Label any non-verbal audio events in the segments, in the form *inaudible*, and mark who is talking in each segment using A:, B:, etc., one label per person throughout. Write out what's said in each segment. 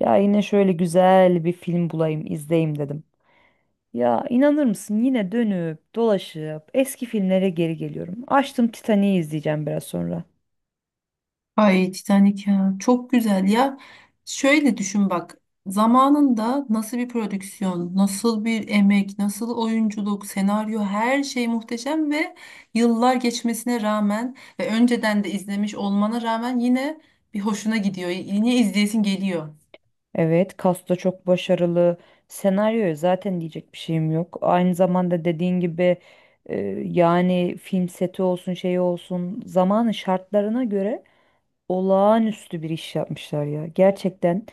A: Ya yine şöyle güzel bir film bulayım, izleyeyim dedim. Ya inanır mısın yine dönüp dolaşıp eski filmlere geri geliyorum. Açtım Titanic'i izleyeceğim biraz sonra.
B: Ay Titanic ya çok güzel ya. Şöyle düşün bak zamanında nasıl bir prodüksiyon, nasıl bir emek, nasıl oyunculuk, senaryo her şey muhteşem ve yıllar geçmesine rağmen ve önceden de izlemiş olmana rağmen yine bir hoşuna gidiyor. Yine izleyesin geliyor.
A: Evet, kasta çok başarılı. Senaryoya zaten diyecek bir şeyim yok. Aynı zamanda dediğin gibi e, yani film seti olsun şey olsun zamanın şartlarına göre olağanüstü bir iş yapmışlar ya. Gerçekten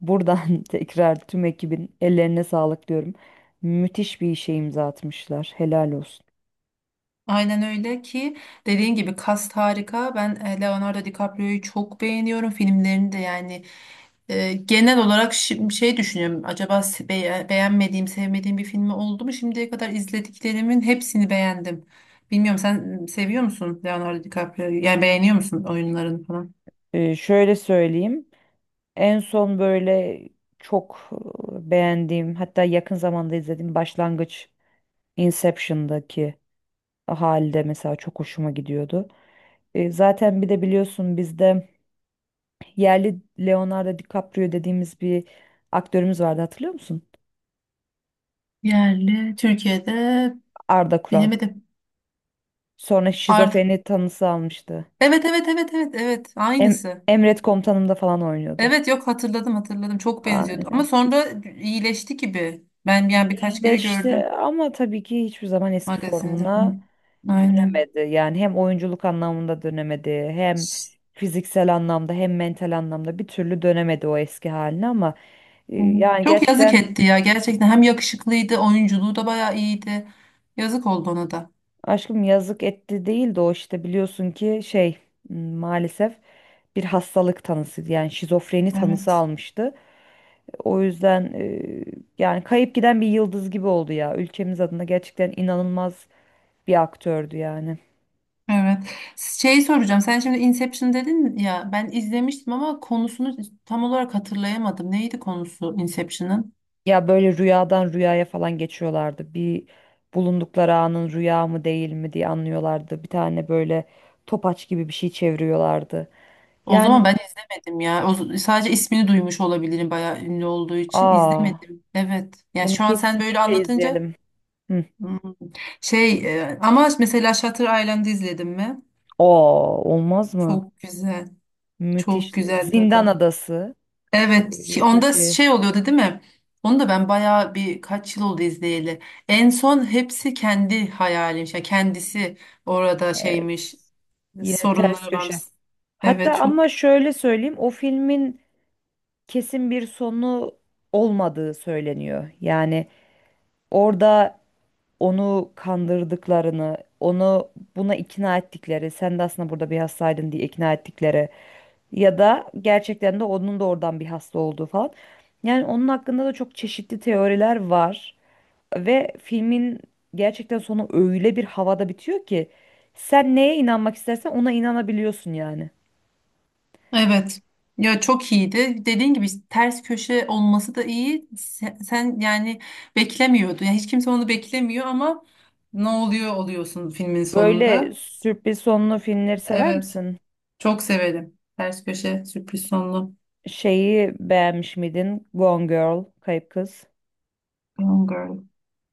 A: buradan *laughs* tekrar tüm ekibin ellerine sağlık diyorum. Müthiş bir işe imza atmışlar. Helal olsun.
B: Aynen öyle ki dediğin gibi kast harika. Ben Leonardo DiCaprio'yu çok beğeniyorum filmlerini de yani genel olarak şey düşünüyorum. Acaba beğenmediğim, sevmediğim bir filmi oldu mu? Şimdiye kadar izlediklerimin hepsini beğendim. Bilmiyorum sen seviyor musun Leonardo DiCaprio'yu? Yani beğeniyor musun oyunlarını falan?
A: Şöyle söyleyeyim. En son böyle çok beğendiğim hatta yakın zamanda izlediğim Başlangıç, Inception'daki halde mesela çok hoşuma gidiyordu. Zaten bir de biliyorsun bizde yerli Leonardo DiCaprio dediğimiz bir aktörümüz vardı, hatırlıyor musun?
B: Yerli Türkiye'de
A: Arda Kural.
B: bilemedim.
A: Sonra
B: Artık
A: şizofreni tanısı almıştı.
B: evet, evet, evet, evet, evet, aynısı.
A: Emret Komutanım'da falan oynuyordu.
B: Evet yok hatırladım hatırladım çok benziyordu ama
A: Aynen.
B: sonra iyileşti gibi. Ben yani birkaç kere gördüm
A: İyileşti ama tabii ki hiçbir zaman eski
B: magazinde
A: formuna
B: falan. Aynen.
A: dönemedi. Yani hem oyunculuk anlamında dönemedi, hem fiziksel anlamda, hem mental anlamda bir türlü dönemedi o eski haline ama
B: Evet.
A: yani
B: Çok yazık
A: gerçekten
B: etti ya gerçekten hem yakışıklıydı oyunculuğu da bayağı iyiydi. Yazık oldu ona da.
A: aşkım yazık etti değil de o işte biliyorsun ki maalesef bir hastalık tanısıydı. Yani şizofreni tanısı
B: Evet.
A: almıştı. O yüzden yani kayıp giden bir yıldız gibi oldu ya. Ülkemiz adına gerçekten inanılmaz bir aktördü yani.
B: Evet. Şey soracağım sen şimdi Inception dedin ya ben izlemiştim ama konusunu tam olarak hatırlayamadım. Neydi konusu Inception'ın?
A: Ya böyle rüyadan rüyaya falan geçiyorlardı. Bir bulundukları anın rüya mı değil mi diye anlıyorlardı. Bir tane böyle topaç gibi bir şey çeviriyorlardı.
B: O
A: Yani
B: zaman ben izlemedim ya. O, sadece ismini duymuş olabilirim bayağı ünlü olduğu için
A: aa,
B: izlemedim. Evet. Yani
A: bunu
B: şu an sen böyle
A: kesinlikle
B: anlatınca
A: izleyelim. Hı.
B: hmm. şey ama mesela Shutter Island'ı izledim mi?
A: Aa, olmaz mı?
B: Çok güzel. Çok
A: Müthiş.
B: güzel
A: Zindan
B: da.
A: Adası.
B: Evet. Ki onda
A: Türkçe.
B: şey oluyordu değil mi? Onu da ben bayağı bir kaç yıl oldu izleyeli. En son hepsi kendi hayalim. Yani kendisi orada
A: Evet.
B: şeymiş.
A: Yine ters
B: Sorunları varmış.
A: köşe. Hatta
B: Evet, çok.
A: ama şöyle söyleyeyim, o filmin kesin bir sonu olmadığı söyleniyor. Yani orada onu kandırdıklarını, onu buna ikna ettikleri, sen de aslında burada bir hastaydın diye ikna ettikleri ya da gerçekten de onun da oradan bir hasta olduğu falan. Yani onun hakkında da çok çeşitli teoriler var ve filmin gerçekten sonu öyle bir havada bitiyor ki sen neye inanmak istersen ona inanabiliyorsun yani.
B: Evet. Ya çok iyiydi. Dediğin gibi ters köşe olması da iyi. Sen yani beklemiyordun. Yani hiç kimse onu beklemiyor ama ne oluyor oluyorsun filmin
A: Böyle
B: sonunda.
A: sürpriz sonlu filmleri sever
B: Evet.
A: misin?
B: Çok severim. Ters köşe sürpriz sonlu.
A: Şeyi beğenmiş miydin? Gone Girl, Kayıp Kız.
B: Gone Girl.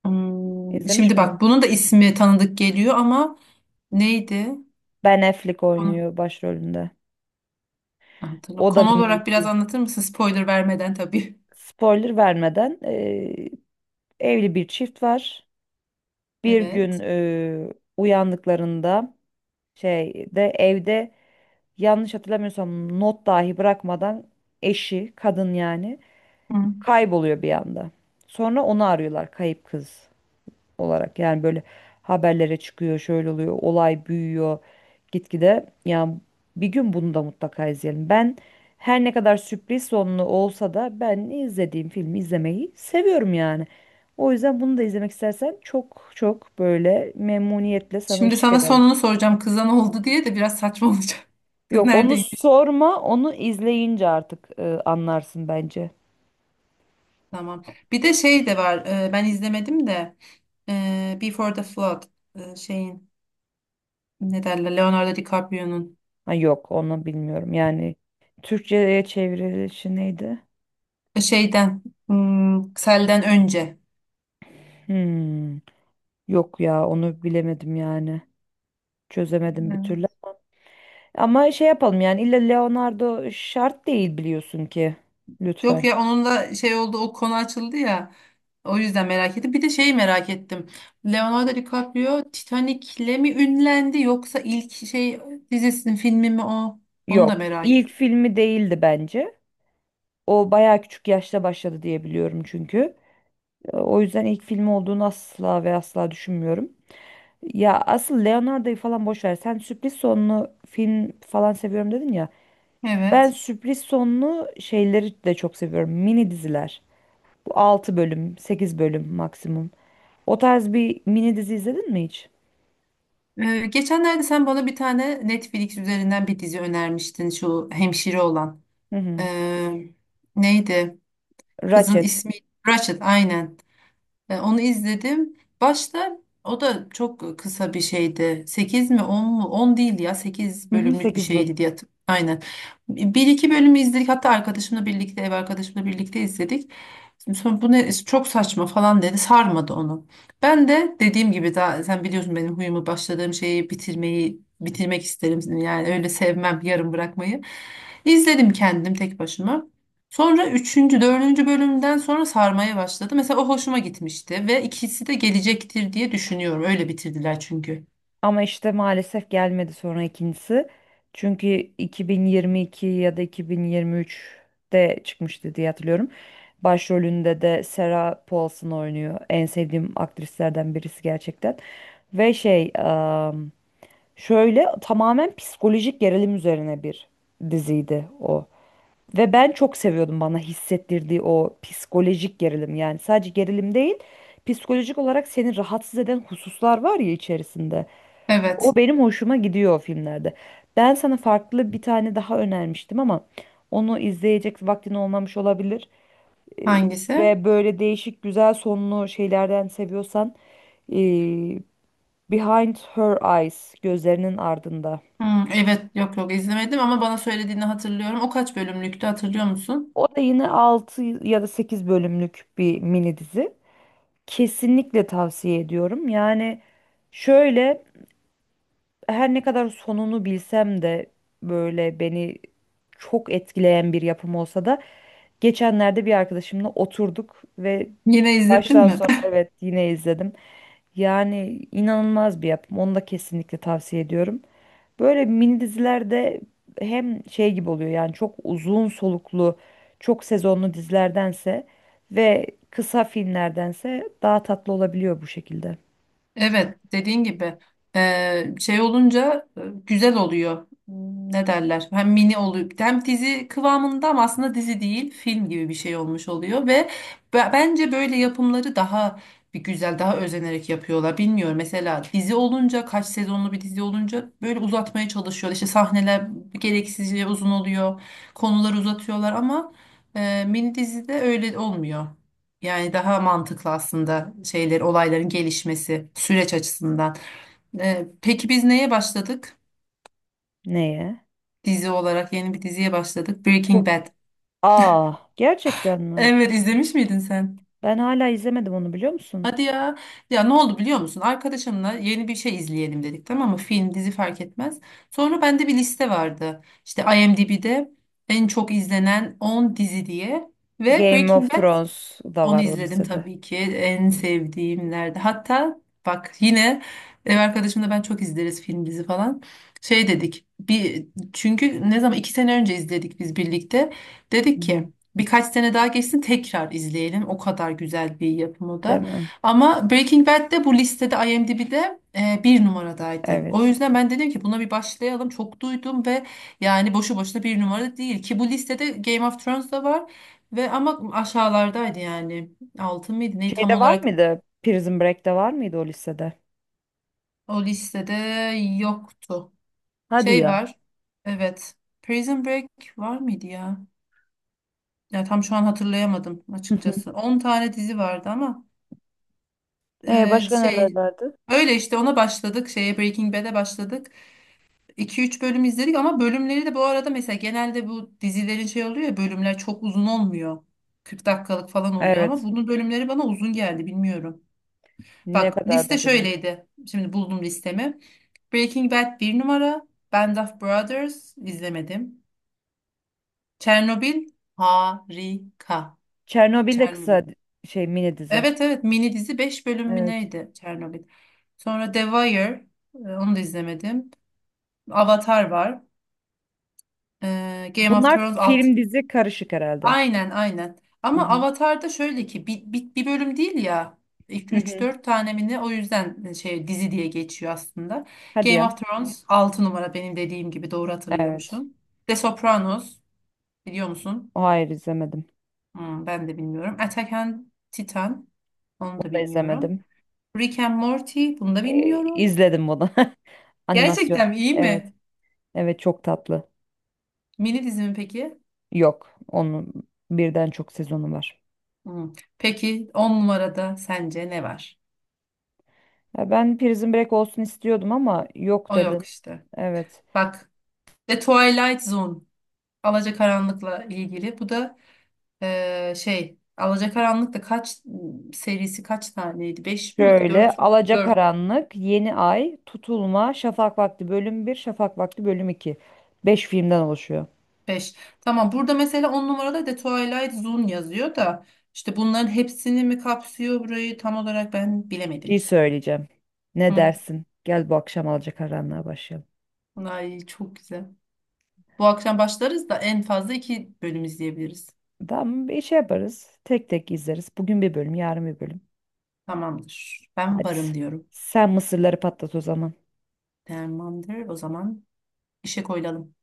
B: Hmm,
A: İzlemiş
B: şimdi bak
A: miydin?
B: bunun da ismi tanıdık geliyor ama neydi?
A: Ben Affleck
B: Konu,
A: oynuyor başrolünde.
B: hatırlam.
A: O da
B: Konu olarak biraz
A: müthiş.
B: anlatır mısın? Spoiler vermeden tabii.
A: Spoiler vermeden evli bir çift var. Bir gün
B: Evet.
A: uyandıklarında şeyde, evde, yanlış hatırlamıyorsam not dahi bırakmadan eşi, kadın yani,
B: Hı.
A: kayboluyor bir anda. Sonra onu arıyorlar kayıp kız olarak. Yani böyle haberlere çıkıyor, şöyle oluyor, olay büyüyor gitgide. Yani bir gün bunu da mutlaka izleyelim. Ben her ne kadar sürpriz sonlu olsa da ben izlediğim filmi izlemeyi seviyorum yani. O yüzden bunu da izlemek istersen çok çok böyle memnuniyetle sana
B: Şimdi
A: eşlik
B: sana
A: ederim.
B: sonunu soracağım. Kıza ne oldu diye de biraz saçma olacak. *laughs* Kız
A: Yok onu
B: neredeydi?
A: sorma, onu izleyince artık anlarsın bence.
B: Tamam. Bir de şey de var. Ben izlemedim de Before the Flood şeyin ne derler Leonardo DiCaprio'nun
A: Ha, yok onu bilmiyorum. Yani Türkçe'ye çevrilişi neydi?
B: şeyden selden önce.
A: Hmm. Yok ya, onu bilemedim yani. Çözemedim bir türlü.
B: Evet.
A: Ama şey yapalım, yani illa Leonardo şart değil biliyorsun ki.
B: Yok
A: Lütfen.
B: ya onun da şey oldu o konu açıldı ya. O yüzden merak ettim. Bir de şeyi merak ettim. Leonardo DiCaprio Titanic'le mi ünlendi yoksa ilk şey dizisinin filmi mi o? Onu da
A: Yok,
B: merak
A: ilk
B: ettim.
A: filmi değildi bence. O bayağı küçük yaşta başladı diye biliyorum çünkü. O yüzden ilk filmi olduğunu asla ve asla düşünmüyorum. Ya asıl Leonardo'yu falan boş ver. Sen sürpriz sonlu film falan seviyorum dedin ya. Ben
B: Evet.
A: sürpriz sonlu şeyleri de çok seviyorum. Mini diziler. Bu 6 bölüm, 8 bölüm maksimum. O tarz bir mini dizi izledin mi hiç?
B: Geçenlerde sen bana bir tane Netflix üzerinden bir dizi önermiştin şu hemşire olan.
A: Hı hı.
B: Eee, Neydi? Kızın
A: Ratchet.
B: ismi Ratched, aynen. Onu izledim. Başta o da çok kısa bir şeydi. 8 mi 10 mu? 10 değil ya. sekiz
A: Hı hı,
B: bölümlük bir
A: 8 bölüm.
B: şeydi diye. Aynen. Bir iki bölümü izledik. Hatta arkadaşımla birlikte, ev arkadaşımla birlikte izledik. Sonra bu ne çok saçma falan dedi. Sarmadı onu. Ben de dediğim gibi daha sen biliyorsun benim huyumu başladığım şeyi bitirmek isterim. Yani öyle sevmem yarım bırakmayı. İzledim kendim tek başıma. Sonra üçüncü, dördüncü bölümden sonra sarmaya başladı. Mesela o hoşuma gitmişti ve ikisi de gelecektir diye düşünüyorum. Öyle bitirdiler çünkü.
A: Ama işte maalesef gelmedi sonra ikincisi. Çünkü 2022 ya da 2023'te çıkmıştı diye hatırlıyorum. Başrolünde de Sarah Paulson oynuyor. En sevdiğim aktrislerden birisi gerçekten. Ve şey, ım, Şöyle tamamen psikolojik gerilim üzerine bir diziydi o. Ve ben çok seviyordum bana hissettirdiği o psikolojik gerilim. Yani sadece gerilim değil, psikolojik olarak seni rahatsız eden hususlar var ya içerisinde.
B: Evet.
A: O benim hoşuma gidiyor o filmlerde. Ben sana farklı bir tane daha önermiştim ama onu izleyecek vaktin olmamış olabilir. Ee,
B: Hangisi?
A: Ve böyle değişik güzel sonlu şeylerden seviyorsan ee, Behind Her Eyes, gözlerinin ardında.
B: Hmm, evet yok yok izlemedim ama bana söylediğini hatırlıyorum. O kaç bölümlüktü hatırlıyor musun?
A: O da yine 6 ya da 8 bölümlük bir mini dizi. Kesinlikle tavsiye ediyorum. Yani şöyle, her ne kadar sonunu bilsem de böyle beni çok etkileyen bir yapım olsa da geçenlerde bir arkadaşımla oturduk ve
B: Yine izledin
A: baştan
B: mi?
A: sona, evet, yine izledim. Yani inanılmaz bir yapım. Onu da kesinlikle tavsiye ediyorum. Böyle mini dizilerde hem şey gibi oluyor, yani çok uzun soluklu, çok sezonlu dizilerdense ve kısa filmlerdense daha tatlı olabiliyor bu şekilde.
B: Evet, dediğin gibi şey olunca güzel oluyor. Hmm, ne derler? Hem mini oluyor, hem dizi kıvamında ama aslında dizi değil, film gibi bir şey olmuş oluyor ve bence böyle yapımları daha bir güzel, daha özenerek yapıyorlar. Bilmiyorum mesela dizi olunca kaç sezonlu bir dizi olunca böyle uzatmaya çalışıyorlar. İşte sahneler gereksizce uzun oluyor, konuları uzatıyorlar ama mini dizide öyle olmuyor. Yani daha mantıklı aslında şeyler, olayların gelişmesi süreç açısından. Peki biz neye başladık?
A: Neye?
B: Dizi olarak yeni bir diziye başladık.
A: Kur.
B: Breaking Bad.
A: Aa, gerçekten mi?
B: Evet izlemiş miydin sen?
A: Ben hala izlemedim onu, biliyor musun?
B: Hadi ya. Ya ne oldu biliyor musun? Arkadaşımla yeni bir şey izleyelim dedik tamam mı? Film, dizi fark etmez. Sonra bende bir liste vardı. İşte IMDb'de en çok izlenen 10 dizi diye. Ve
A: Game of
B: Breaking Bad.
A: Thrones da
B: Onu
A: var o
B: izledim
A: lisede.
B: tabii ki. En
A: Evet.
B: sevdiğimlerde. Hatta bak yine ev arkadaşımla ben çok izleriz film dizi falan. Şey dedik. Bir çünkü ne zaman 2 sene önce izledik biz birlikte.
A: Hı
B: Dedik ki
A: hı.
B: birkaç sene daha geçsin tekrar izleyelim. O kadar güzel bir yapım o
A: Değil
B: da.
A: mi?
B: Ama Breaking Bad de bu listede IMDb'de bir numaradaydı. O
A: Evet.
B: yüzden ben dedim ki buna bir başlayalım. Çok duydum ve yani boşu boşuna bir numara değil ki bu listede Game of Thrones da var. Ve ama aşağılardaydı yani. Altın mıydı? Ne tam
A: Şeyde var
B: olarak
A: mıydı? Prison Break'te var mıydı o lisede?
B: o listede yoktu.
A: Hadi
B: Şey
A: ya.
B: var.
A: *laughs*
B: Evet. Prison Break var mıydı ya? Ya tam şu an hatırlayamadım
A: Hı hı.
B: açıkçası. 10 tane dizi vardı ama
A: E başka neler
B: şey
A: vardı?
B: öyle işte ona başladık. Şeye Breaking Bad'e başladık. İki üç bölüm izledik ama bölümleri de bu arada mesela genelde bu dizilerin şey oluyor ya bölümler çok uzun olmuyor. 40 dakikalık falan oluyor ama
A: Evet.
B: bunun bölümleri bana uzun geldi bilmiyorum.
A: Ne
B: Bak
A: kadardı
B: liste
A: acaba?
B: şöyleydi. Şimdi buldum listemi. Breaking Bad bir numara. Band of Brothers izlemedim. Chernobyl harika.
A: Çernobil de
B: Chernobyl.
A: kısa di- şey, mini dizi.
B: Evet, evet, mini dizi 5 bölüm mü
A: Evet.
B: neydi Chernobyl. Sonra The Wire onu da izlemedim. Avatar var. Game of
A: Bunlar
B: Thrones
A: film dizi karışık herhalde.
B: aynen, aynen.
A: Hı
B: Ama
A: hı.
B: Avatar'da şöyle ki bir bölüm değil ya.
A: Hı
B: Üç
A: hı.
B: dört tane mi ne o yüzden şey dizi diye geçiyor aslında.
A: Hadi
B: Game
A: ya.
B: of Thrones 6 numara benim dediğim gibi doğru
A: Evet.
B: hatırlıyormuşum. The Sopranos biliyor musun?
A: O hayır, izlemedim.
B: Hmm, ben de bilmiyorum. Attack on Titan onu
A: Onu
B: da
A: da
B: bilmiyorum.
A: izlemedim.
B: Rick and Morty bunu da bilmiyorum.
A: İzledim bunu. *laughs* Animasyon.
B: Gerçekten iyi
A: Evet.
B: mi?
A: Evet, çok tatlı.
B: Mini dizi mi peki?
A: Yok. Onun birden çok sezonu var.
B: Hmm. Peki 10 numarada sence ne var?
A: Ya ben Prison Break olsun istiyordum ama yok
B: O
A: dedin.
B: yok işte.
A: Evet.
B: Bak The Twilight Zone. Alacakaranlık'la ilgili. Bu da şey Alacakaranlık da kaç serisi kaç taneydi? Beş miydi?
A: Şöyle:
B: 4, dört,
A: Alacakaranlık, Yeni Ay, Tutulma, Şafak Vakti bölüm bir, Şafak Vakti bölüm 2. 5 filmden oluşuyor.
B: beş. Tamam, burada mesela 10 numarada The Twilight Zone yazıyor da işte bunların hepsini mi kapsıyor burayı tam olarak ben
A: Bir şey
B: bilemedim.
A: söyleyeceğim. Ne
B: Hı.
A: dersin? Gel bu akşam Alacakaranlığa başlayalım.
B: Ay çok güzel. Bu akşam başlarız da en fazla 2 bölüm izleyebiliriz.
A: Tamam, bir şey yaparız. Tek tek izleriz. Bugün bir bölüm, yarın bir bölüm.
B: Tamamdır. Ben
A: Hadi.
B: varım diyorum.
A: Sen mısırları patlat o zaman.
B: Tamamdır. O zaman işe koyulalım.